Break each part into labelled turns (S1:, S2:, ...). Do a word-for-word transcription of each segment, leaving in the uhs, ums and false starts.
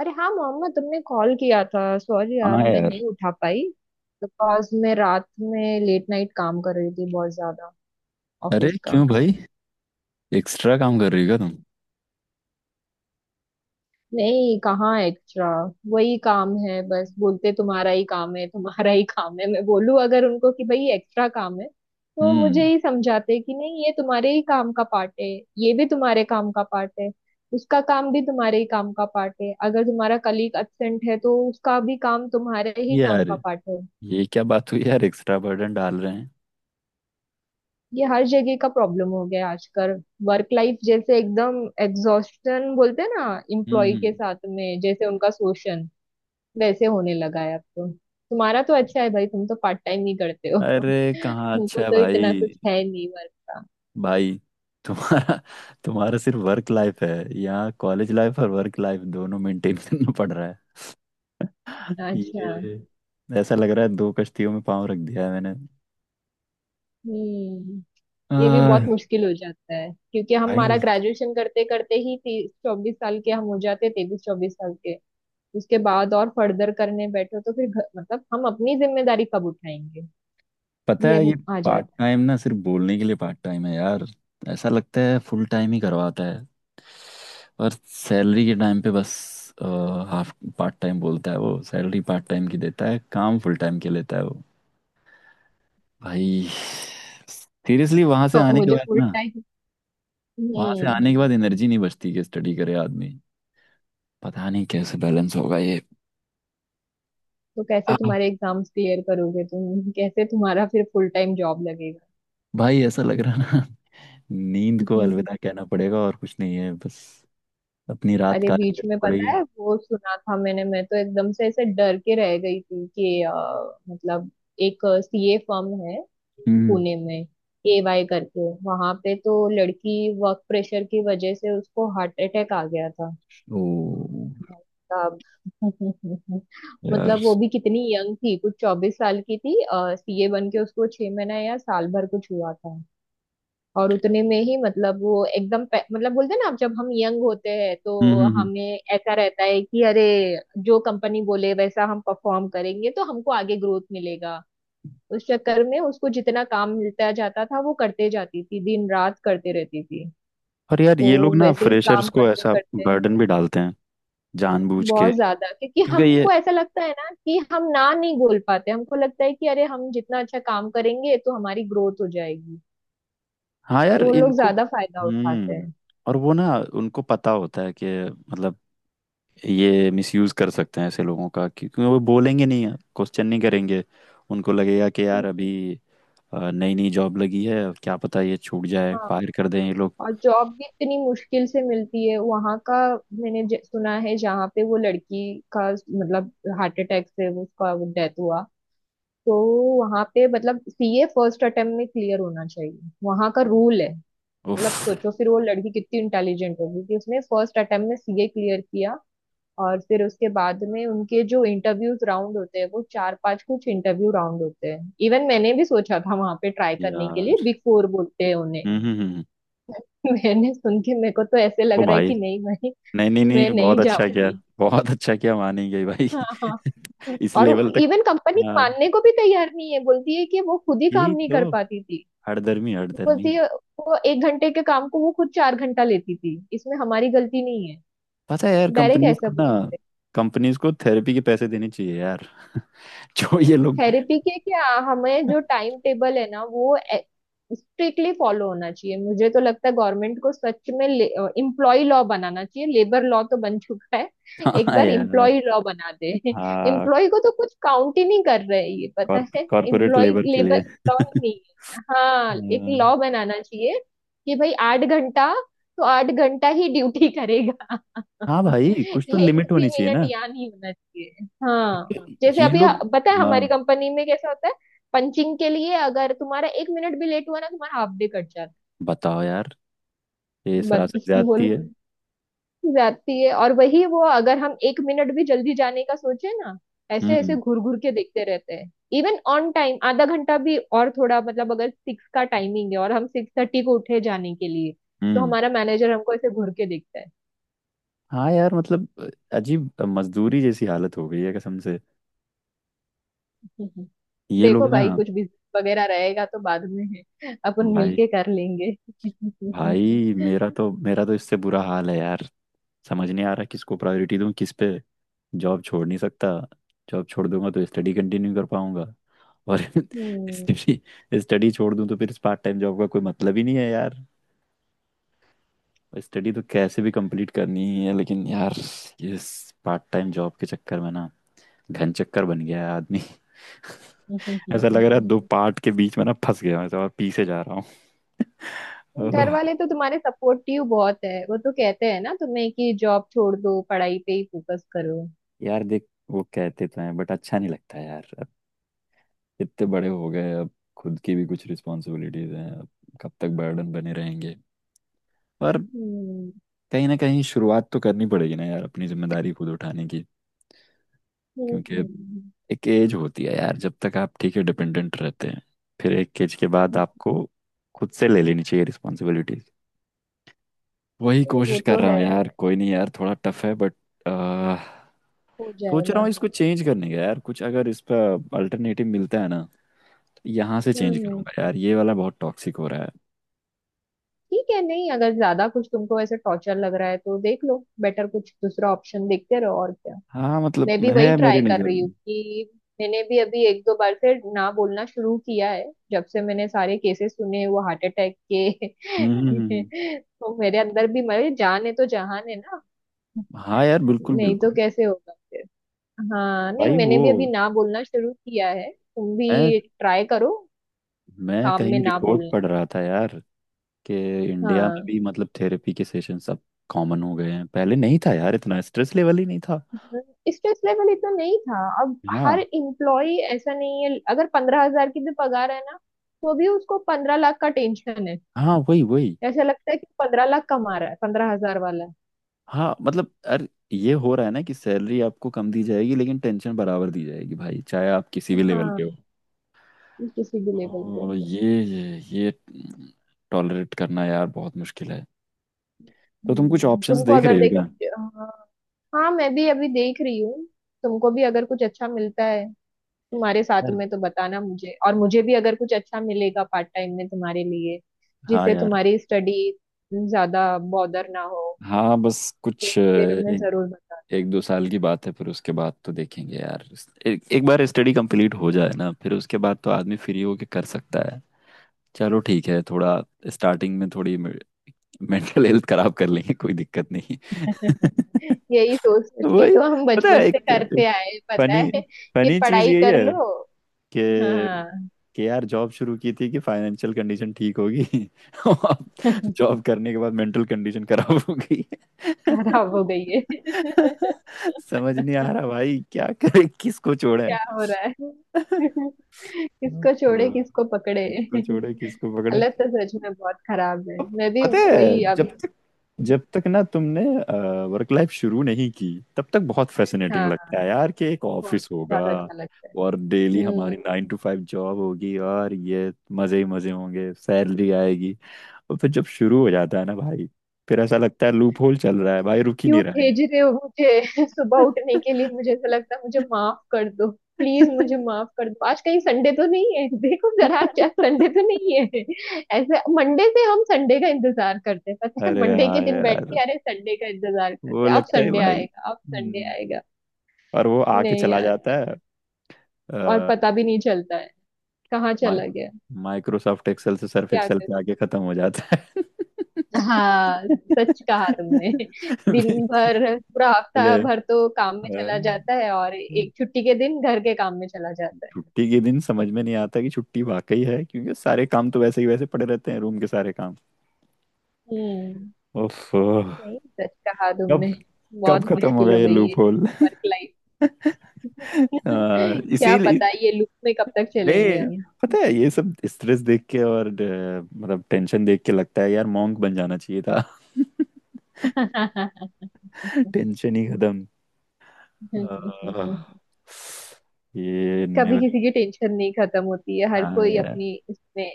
S1: अरे हाँ मोहम्मद, तुमने कॉल किया था। सॉरी यार,
S2: हाँ
S1: मैं
S2: यार।
S1: नहीं उठा पाई। बिकॉज मैं रात में लेट नाइट काम कर रही थी, बहुत ज्यादा
S2: अरे
S1: ऑफिस का।
S2: क्यों भाई, एक्स्ट्रा काम कर रही हो क्या तुम?
S1: नहीं, कहाँ एक्स्ट्रा, वही काम है। बस बोलते तुम्हारा ही काम है, तुम्हारा ही काम है। मैं बोलूँ अगर उनको कि भाई एक्स्ट्रा काम है, तो मुझे
S2: हम्म।
S1: ही समझाते कि नहीं ये तुम्हारे ही काम का पार्ट है, ये भी तुम्हारे काम का पार्ट है, उसका काम भी तुम्हारे ही काम का पार्ट है। अगर तुम्हारा कलीग एब्सेंट है तो उसका भी काम तुम्हारे ही काम
S2: यार,
S1: का पार्ट है।
S2: ये क्या बात हुई यार, एक्स्ट्रा बर्डन डाल रहे हैं।
S1: ये हर जगह का प्रॉब्लम हो गया है आजकल। वर्क लाइफ जैसे एकदम एग्जॉस्टन बोलते हैं ना, एम्प्लॉय के
S2: हम्म।
S1: साथ में जैसे उनका शोषण वैसे होने लगा है। अब तो तुम्हारा तो अच्छा है भाई, तुम तो पार्ट टाइम ही करते हो
S2: अरे कहाँ अच्छा
S1: तुमको
S2: है
S1: तो इतना
S2: भाई।
S1: कुछ है नहीं वर्क का।
S2: भाई, तुम्हारा तुम्हारा सिर्फ वर्क लाइफ है। यहाँ कॉलेज लाइफ और वर्क लाइफ दोनों मेंटेन करना पड़ रहा है।
S1: अच्छा।
S2: ये ऐसा लग रहा है दो कश्तियों में पाँव रख दिया है मैंने।
S1: हम्म। ये भी बहुत
S2: आह,
S1: मुश्किल हो जाता है, क्योंकि हम
S2: भाई,
S1: हमारा ग्रेजुएशन करते करते ही तीस चौबीस साल के हम हो जाते, तेईस चौबीस साल के। उसके बाद और फर्दर करने बैठो तो फिर घ- मतलब हम अपनी जिम्मेदारी कब उठाएंगे,
S2: पता
S1: ये
S2: है ये।
S1: अब आ
S2: पार्ट
S1: जाता
S2: टाइम ना, सिर्फ बोलने के लिए पार्ट टाइम है यार। ऐसा लगता है फुल टाइम ही करवाता है। और सैलरी के टाइम पे बस हाफ। पार्ट टाइम बोलता है वो, सैलरी पार्ट टाइम की देता है, काम फुल टाइम के लेता है वो। भाई सीरियसली वहां से
S1: है। और
S2: आने के
S1: मुझे
S2: बाद
S1: फुल
S2: ना,
S1: टाइम।
S2: वहां से
S1: हम्म।
S2: आने के बाद एनर्जी नहीं बचती कि स्टडी करे आदमी। पता नहीं कैसे बैलेंस होगा ये।
S1: तो कैसे
S2: हाँ।
S1: तुम्हारे एग्जाम्स क्लियर करोगे, तुम कैसे तुम्हारा फिर फुल टाइम जॉब लगेगा।
S2: भाई ऐसा लग रहा ना, नींद को
S1: हम्म।
S2: अलविदा कहना पड़ेगा, और कुछ नहीं है बस। अपनी रात
S1: अरे
S2: काटी
S1: बीच
S2: करनी
S1: में, पता
S2: पड़ेगी।
S1: है वो सुना था मैंने, मैं तो एकदम से ऐसे डर के रह गई थी कि अ, मतलब एक सीए फर्म है,
S2: हम्म।
S1: पुणे में, एवाई करके, वहां पे तो लड़की वर्क प्रेशर की वजह से उसको हार्ट अटैक आ गया था
S2: ओ
S1: साहब।
S2: यार।
S1: मतलब वो भी कितनी यंग थी, कुछ चौबीस साल की थी, सीए बन के उसको छह महीना या साल भर कुछ हुआ था। और उतने में ही मतलब वो एकदम पे- मतलब बोलते हैं ना, आप जब हम यंग होते हैं तो
S2: हम्म, हम्म, हम्म।
S1: हमें ऐसा रहता है कि अरे जो कंपनी बोले वैसा हम परफॉर्म करेंगे तो हमको आगे ग्रोथ मिलेगा। उस चक्कर में उसको जितना काम मिलता जाता था वो करते जाती थी, दिन रात करते रहती थी।
S2: और यार ये लोग
S1: तो
S2: ना
S1: वैसे ही
S2: फ्रेशर्स
S1: काम
S2: को
S1: करते
S2: ऐसा
S1: करते
S2: बर्डन भी डालते हैं, जानबूझ के।
S1: बहुत ज्यादा, क्योंकि
S2: क्योंकि ये,
S1: हमको ऐसा लगता है ना कि हम ना नहीं बोल पाते, हमको लगता है कि अरे हम जितना अच्छा काम करेंगे तो हमारी ग्रोथ हो जाएगी,
S2: हाँ
S1: तो
S2: यार,
S1: वो लोग
S2: इनको।
S1: ज्यादा फायदा उठाते
S2: हम्म।
S1: हैं।
S2: और वो ना, उनको पता होता है कि मतलब ये मिसयूज कर सकते हैं ऐसे लोगों का, क्योंकि वो बोलेंगे नहीं, क्वेश्चन नहीं करेंगे। उनको लगेगा कि यार
S1: हम्म।
S2: अभी नई नई जॉब लगी है, क्या पता ये छूट जाए,
S1: हाँ।
S2: फायर कर दें ये लोग।
S1: और जॉब भी इतनी मुश्किल से मिलती है। वहां का मैंने ज- सुना है, जहाँ पे वो लड़की का मतलब हार्ट अटैक से वो उसका डेथ हुआ, तो वहां पे मतलब सीए फर्स्ट अटेम्प्ट में क्लियर होना चाहिए, वहां का रूल है।
S2: उफ।
S1: मतलब सोचो, फिर वो लड़की कितनी इंटेलिजेंट होगी कि उसने फर्स्ट अटेम्प्ट में सीए क्लियर किया। और फिर उसके बाद में उनके जो इंटरव्यूज राउंड होते हैं, वो चार पांच कुछ इंटरव्यू राउंड होते हैं। इवन मैंने भी सोचा था वहां पे ट्राई करने के लिए,
S2: यार।
S1: बिग फोर बोलते हैं उन्हें।
S2: हम्म, हम्म, हम्म। हम्म।
S1: मैंने सुन के मेरे को तो ऐसे
S2: ओ
S1: लग रहा है
S2: भाई।
S1: कि नहीं भाई,
S2: नहीं, नहीं,
S1: मैं
S2: नहीं, बहुत
S1: नहीं
S2: अच्छा किया,
S1: जाऊंगी।
S2: बहुत अच्छा किया, मानेंगे भाई
S1: हाँ हाँ।
S2: इस
S1: और
S2: लेवल तक।
S1: इवन कंपनी
S2: हाँ,
S1: मानने को भी तैयार नहीं है, बोलती है कि वो खुद ही काम
S2: यही
S1: नहीं
S2: तो।
S1: कर पाती थी।
S2: हठधर्मी, हठधर्मी।
S1: बोलती है वो एक घंटे के काम को वो खुद चार घंटा लेती थी, इसमें हमारी गलती नहीं है।
S2: पता है यार,
S1: डायरेक्ट
S2: कंपनीज
S1: ऐसा।
S2: को ना कंपनीज को थेरेपी के पैसे देने चाहिए यार। जो ये लोग।
S1: थेरेपी के क्या, हमें जो टाइम टेबल है ना वो स्ट्रिक्टली फॉलो होना चाहिए। मुझे तो लगता है गवर्नमेंट को सच में एम्प्लॉय लॉ बनाना चाहिए, लेबर लॉ तो बन चुका है, एक
S2: हाँ
S1: बार
S2: यार।
S1: एम्प्लॉय लॉ बना दे।
S2: हाँ।
S1: एम्प्लॉय को तो कुछ काउंट ही नहीं कर रहे हैं ये, पता है।
S2: कॉर्पोरेट
S1: एम्प्लॉय
S2: लेबर के लिए।
S1: लेबर लॉ ही नहीं है। हाँ, एक
S2: हाँ।
S1: लॉ बनाना चाहिए कि भाई आठ घंटा तो आठ घंटा ही ड्यूटी करेगा,
S2: हाँ भाई, कुछ तो
S1: एक
S2: लिमिट
S1: भी
S2: होनी चाहिए
S1: मिनट
S2: ना।
S1: यहाँ नहीं होना चाहिए। हाँ, जैसे
S2: ये
S1: अभी
S2: लोग।
S1: पता है
S2: हाँ।
S1: हमारी कंपनी में कैसा होता है, पंचिंग के लिए अगर तुम्हारा एक मिनट भी लेट हुआ ना, तुम्हारा हाफ डे कट जाता
S2: बताओ यार, ये
S1: है।
S2: सरासर
S1: बस
S2: ज्यादती
S1: बोलो,
S2: है।
S1: जाती है। और वही वो अगर हम एक मिनट भी जल्दी जाने का सोचे ना, ऐसे ऐसे
S2: हम्म,
S1: घूर घूर के देखते रहते हैं। इवन ऑन टाइम आधा घंटा भी, और थोड़ा मतलब अगर सिक्स का टाइमिंग है और हम सिक्स थर्टी को उठे जाने के लिए, तो
S2: हम्म।
S1: हमारा मैनेजर हमको ऐसे घूर के देखता
S2: हाँ यार मतलब, अजीब मजदूरी जैसी हालत हो गई है कसम से।
S1: है।
S2: ये लोग
S1: देखो
S2: ना
S1: भाई, कुछ भी वगैरह रहेगा तो बाद में है, अपन
S2: भाई।
S1: मिलके कर लेंगे।
S2: भाई, मेरा तो मेरा तो इससे बुरा हाल है यार। समझ नहीं आ रहा किसको प्रायोरिटी दूं, किस पे। जॉब छोड़ नहीं सकता। जॉब छोड़ दूंगा तो स्टडी कंटिन्यू कर पाऊंगा। और
S1: हम्म।
S2: स्टडी स्टडी छोड़ दूं तो फिर इस पार्ट टाइम जॉब का कोई मतलब ही नहीं है यार। स्टडी तो कैसे भी कंप्लीट करनी ही है, लेकिन यार ये पार्ट टाइम जॉब के चक्कर में ना, घन चक्कर बन गया है आदमी। ऐसा लग रहा है दो पार्ट के बीच में ना फंस गया हूं, ऐसा, और पीछे जा रहा हूँ। ओह।
S1: घर वाले तो तुम्हारे सपोर्टिव बहुत है, वो तो कहते हैं ना तुम्हें कि जॉब छोड़ दो, पढ़ाई पे ही फोकस करो।
S2: यार देख, वो कहते तो हैं बट अच्छा नहीं लगता यार अब। इतने बड़े हो गए अब। खुद की भी कुछ रिस्पॉन्सिबिलिटीज हैं अब। कब तक बर्डन बने रहेंगे, पर
S1: हम्म,
S2: कहीं ना कहीं शुरुआत तो करनी पड़ेगी ना यार, अपनी जिम्मेदारी खुद उठाने की।
S1: हम्म,
S2: क्योंकि
S1: हम्म।
S2: एक एज होती है यार, जब तक आप, ठीक है, डिपेंडेंट रहते हैं। फिर एक एज के बाद आपको खुद से ले लेनी चाहिए रिस्पॉन्सिबिलिटीज। वही
S1: वो
S2: कोशिश कर
S1: तो
S2: रहा
S1: है,
S2: हूँ यार। कोई नहीं यार, थोड़ा टफ है बट।
S1: हो
S2: सोच रहा
S1: जाएगा।
S2: हूँ इसको चेंज करने का यार, कुछ अगर इस पर अल्टरनेटिव मिलता है ना, तो यहाँ से चेंज
S1: हम्म।
S2: करूंगा यार, ये वाला बहुत टॉक्सिक हो रहा है।
S1: ठीक है, नहीं अगर ज्यादा कुछ तुमको ऐसे टॉर्चर लग रहा है तो देख लो, बेटर कुछ दूसरा ऑप्शन देखते रहो और क्या।
S2: हाँ मतलब,
S1: मैं भी वही
S2: है मेरी
S1: ट्राई कर
S2: नज़र
S1: रही हूँ
S2: में।
S1: कि मैंने भी अभी एक दो बार से ना बोलना शुरू किया है, जब से मैंने सारे केसेस सुने वो हार्ट अटैक के।
S2: हम्म, हम्म, हम्म, हम्म।
S1: तो मेरे अंदर भी, मेरे जान है तो जहान है ना,
S2: हाँ यार, बिल्कुल
S1: नहीं तो
S2: बिल्कुल।
S1: कैसे होगा फिर। हाँ, नहीं
S2: भाई
S1: मैंने
S2: वो,
S1: भी अभी ना बोलना शुरू किया है, तुम
S2: मैं
S1: भी ट्राई करो
S2: मैं
S1: काम में
S2: कहीं
S1: ना
S2: रिपोर्ट
S1: बोलना।
S2: पढ़ रहा था यार, कि इंडिया में
S1: हाँ,
S2: भी मतलब थेरेपी के सेशन सब कॉमन हो गए हैं। पहले नहीं था यार, इतना स्ट्रेस लेवल ही नहीं था।
S1: स्ट्रेस लेवल इतना नहीं था अब। हर
S2: हाँ,
S1: एम्प्लॉय ऐसा नहीं है, अगर पंद्रह हजार की भी पगार है ना, तो भी उसको पंद्रह लाख का टेंशन है।
S2: हाँ वही वही।
S1: ऐसा लगता है कि पंद्रह लाख कमा रहा है पंद्रह हजार वाला।
S2: हाँ मतलब, अरे ये हो रहा है ना कि सैलरी आपको कम दी जाएगी लेकिन टेंशन बराबर दी जाएगी भाई, चाहे आप किसी
S1: है,
S2: भी लेवल
S1: हाँ,
S2: पे हो।
S1: किसी भी लेवल पे।
S2: तो ये ये ये टॉलरेट करना यार, बहुत मुश्किल है। तो तुम कुछ
S1: हम्म,
S2: ऑप्शंस
S1: तुमको
S2: देख
S1: अगर
S2: रहे हो
S1: देखो।
S2: क्या
S1: हाँ। हाँ, मैं भी अभी देख रही हूँ। तुमको भी अगर कुछ अच्छा मिलता है तुम्हारे साथ
S2: यार?
S1: में तो बताना मुझे, और मुझे भी अगर कुछ अच्छा मिलेगा पार्ट टाइम में तुम्हारे लिए
S2: हाँ
S1: जिससे
S2: यार।
S1: तुम्हारी स्टडी ज्यादा बॉदर ना हो,
S2: हाँ। बस
S1: तो
S2: कुछ
S1: फिर मैं जरूर बता।
S2: एक दो साल की बात है, फिर उसके बाद तो देखेंगे यार। एक, एक बार स्टडी कंप्लीट हो जाए ना, फिर उसके बाद तो आदमी फ्री होके कर सकता है। चलो ठीक है। थोड़ा स्टार्टिंग में थोड़ी मेंटल हेल्थ खराब कर लेंगे, कोई दिक्कत नहीं।
S1: यही सोच सोच के
S2: वही।
S1: तो हम
S2: पता है
S1: बचपन
S2: एक,
S1: से करते
S2: एक
S1: आए हैं, पता
S2: फनी
S1: है कि
S2: फनी चीज
S1: पढ़ाई
S2: यही
S1: कर
S2: है
S1: लो।
S2: कि
S1: हाँ।
S2: कि यार जॉब शुरू की थी कि फाइनेंशियल कंडीशन ठीक होगी। और जॉब करने के बाद मेंटल कंडीशन खराब हो गई।
S1: खराब हो गई है।
S2: समझ नहीं आ रहा भाई, क्या करें किसको छोड़े।
S1: क्या हो रहा है। किसको छोड़े
S2: लो,
S1: किसको पकड़े।
S2: किसको छोड़े किसको पकड़े।
S1: हालत तो सच में बहुत खराब है,
S2: अब
S1: मैं भी
S2: पता है,
S1: वही अब।
S2: जब तक जब तक ना तुमने वर्क लाइफ शुरू नहीं की, तब तक बहुत फैसिनेटिंग
S1: हाँ,
S2: लगता है यार, कि एक
S1: बहुत
S2: ऑफिस होगा
S1: ज्यादा अच्छा लगता है।
S2: और डेली
S1: हम्म।
S2: हमारी नाइन टू फाइव जॉब होगी और ये मजे ही मजे होंगे, सैलरी आएगी। और फिर जब शुरू हो जाता है ना भाई, फिर ऐसा लगता है लूप होल चल रहा है भाई, रुक ही
S1: क्यों
S2: नहीं रहा है।
S1: भेज रहे हो मुझे सुबह उठने के लिए, मुझे ऐसा लगता है मुझे माफ कर दो, प्लीज मुझे माफ कर दो, आज कहीं संडे तो नहीं है। देखो जरा क्या संडे तो नहीं है। ऐसे मंडे से हम संडे का इंतजार करते हैं, पता है
S2: अरे
S1: मंडे के
S2: हाँ
S1: दिन बैठ
S2: यार,
S1: के अरे संडे का इंतजार
S2: वो
S1: करते हैं, अब
S2: लगता है
S1: संडे
S2: भाई।
S1: आएगा अब संडे
S2: हम्म।
S1: आएगा।
S2: और वो आके
S1: नहीं
S2: चला
S1: यार
S2: जाता
S1: सच- और
S2: है।
S1: पता भी नहीं चलता है कहाँ
S2: माइ
S1: चला गया।
S2: माइक्रोसॉफ्ट एक्सेल से सर्फ
S1: क्या,
S2: एक्सेल पे आके खत्म हो जाता है।
S1: हाँ सच कहा तुमने, दिन भर पूरा हफ्ता
S2: बोले।
S1: भर तो काम में
S2: अ,
S1: चला जाता है, और एक छुट्टी के दिन घर के काम में चला जाता है।
S2: छुट्टी के दिन समझ में नहीं आता कि छुट्टी वाकई है, क्योंकि सारे काम तो वैसे ही वैसे पड़े रहते हैं, रूम के सारे काम।
S1: हम्म।
S2: उफ, कब
S1: नहीं, सच कहा तुमने, बहुत
S2: कब खत्म
S1: मुश्किल
S2: होगा
S1: हो
S2: ये
S1: गई है
S2: लूप होल?
S1: Work life. क्या
S2: इसीलिए
S1: पता ये लूप में कब तक चलेंगे
S2: नहीं,
S1: हम।
S2: पता है ये सब स्ट्रेस देख के और अ, मतलब टेंशन देख के लगता है यार मॉन्क बन जाना चाहिए था। टेंशन ही खत्म। आह, ये
S1: कभी
S2: नेवर।
S1: किसी की टेंशन नहीं खत्म होती है, हर
S2: हाँ
S1: कोई
S2: यार,
S1: अपनी इसमें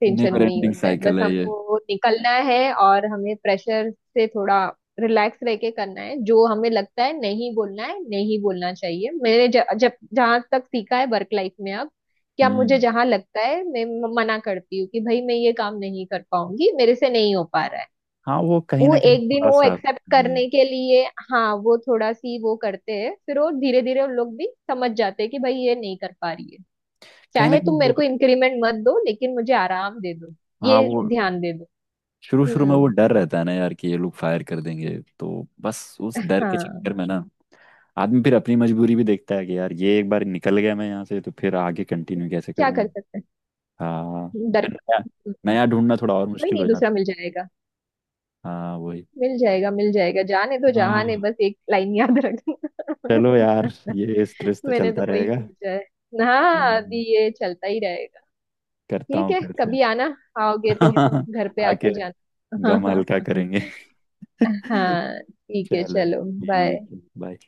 S1: टेंशन
S2: नेवर
S1: नहीं
S2: एंडिंग
S1: होता है। बस
S2: साइकिल है ये।
S1: हमको निकलना है, और हमें प्रेशर से थोड़ा रिलैक्स रह के करना है। जो हमें लगता है नहीं बोलना है, नहीं बोलना चाहिए। मैंने ज, जब जहां तक सीखा है वर्क लाइफ में अब, क्या मुझे
S2: हम्म।
S1: जहां लगता है मैं म- मना करती हूँ कि भाई मैं ये काम नहीं कर पाऊंगी, मेरे से नहीं हो पा रहा है।
S2: हाँ वो, कहीं
S1: वो
S2: ना कहीं
S1: एक दिन
S2: थोड़ा
S1: वो
S2: सा।
S1: एक्सेप्ट
S2: हम्म।
S1: करने के लिए, हाँ वो थोड़ा सी वो करते हैं, फिर वो धीरे धीरे उन लोग भी समझ जाते हैं कि भाई ये नहीं कर पा रही है।
S2: कहीं ना
S1: चाहे
S2: कहीं
S1: तुम मेरे
S2: वो,
S1: को इंक्रीमेंट मत दो, लेकिन मुझे आराम दे दो,
S2: हाँ
S1: ये
S2: वो,
S1: ध्यान दे दो।
S2: शुरू शुरू में वो
S1: हम्म।
S2: डर रहता है ना यार, कि ये लोग फायर कर देंगे, तो बस उस डर के
S1: हाँ।
S2: चक्कर में ना, आदमी फिर अपनी मजबूरी भी देखता है कि यार ये एक बार निकल गया मैं यहाँ से, तो फिर आगे कंटिन्यू कैसे
S1: क्या कर
S2: करूँगा।
S1: सकते
S2: हाँ।
S1: हैं, डर।
S2: फिर नया नया ढूंढना थोड़ा और
S1: कोई
S2: मुश्किल
S1: नहीं,
S2: हो
S1: दूसरा
S2: जाता
S1: मिल जाएगा,
S2: है। हाँ वही।
S1: मिल जाएगा मिल जाएगा, जाने दो जहाने,
S2: हाँ
S1: बस एक लाइन याद
S2: चलो यार,
S1: रखना।
S2: ये स्ट्रेस तो
S1: मैंने तो
S2: चलता
S1: वही सोचा है। हाँ
S2: रहेगा।
S1: अभी ये चलता ही रहेगा।
S2: करता
S1: ठीक
S2: हूँ
S1: है,
S2: फिर से।
S1: कभी आना, आओगे तो
S2: बिल्कुल।
S1: घर पे
S2: आके
S1: आके जाना। हाँ
S2: गम
S1: हाँ।
S2: हल्का करेंगे।
S1: हाँ ठीक है
S2: चलो
S1: चलो
S2: ठीक
S1: बाय।
S2: है, बाय।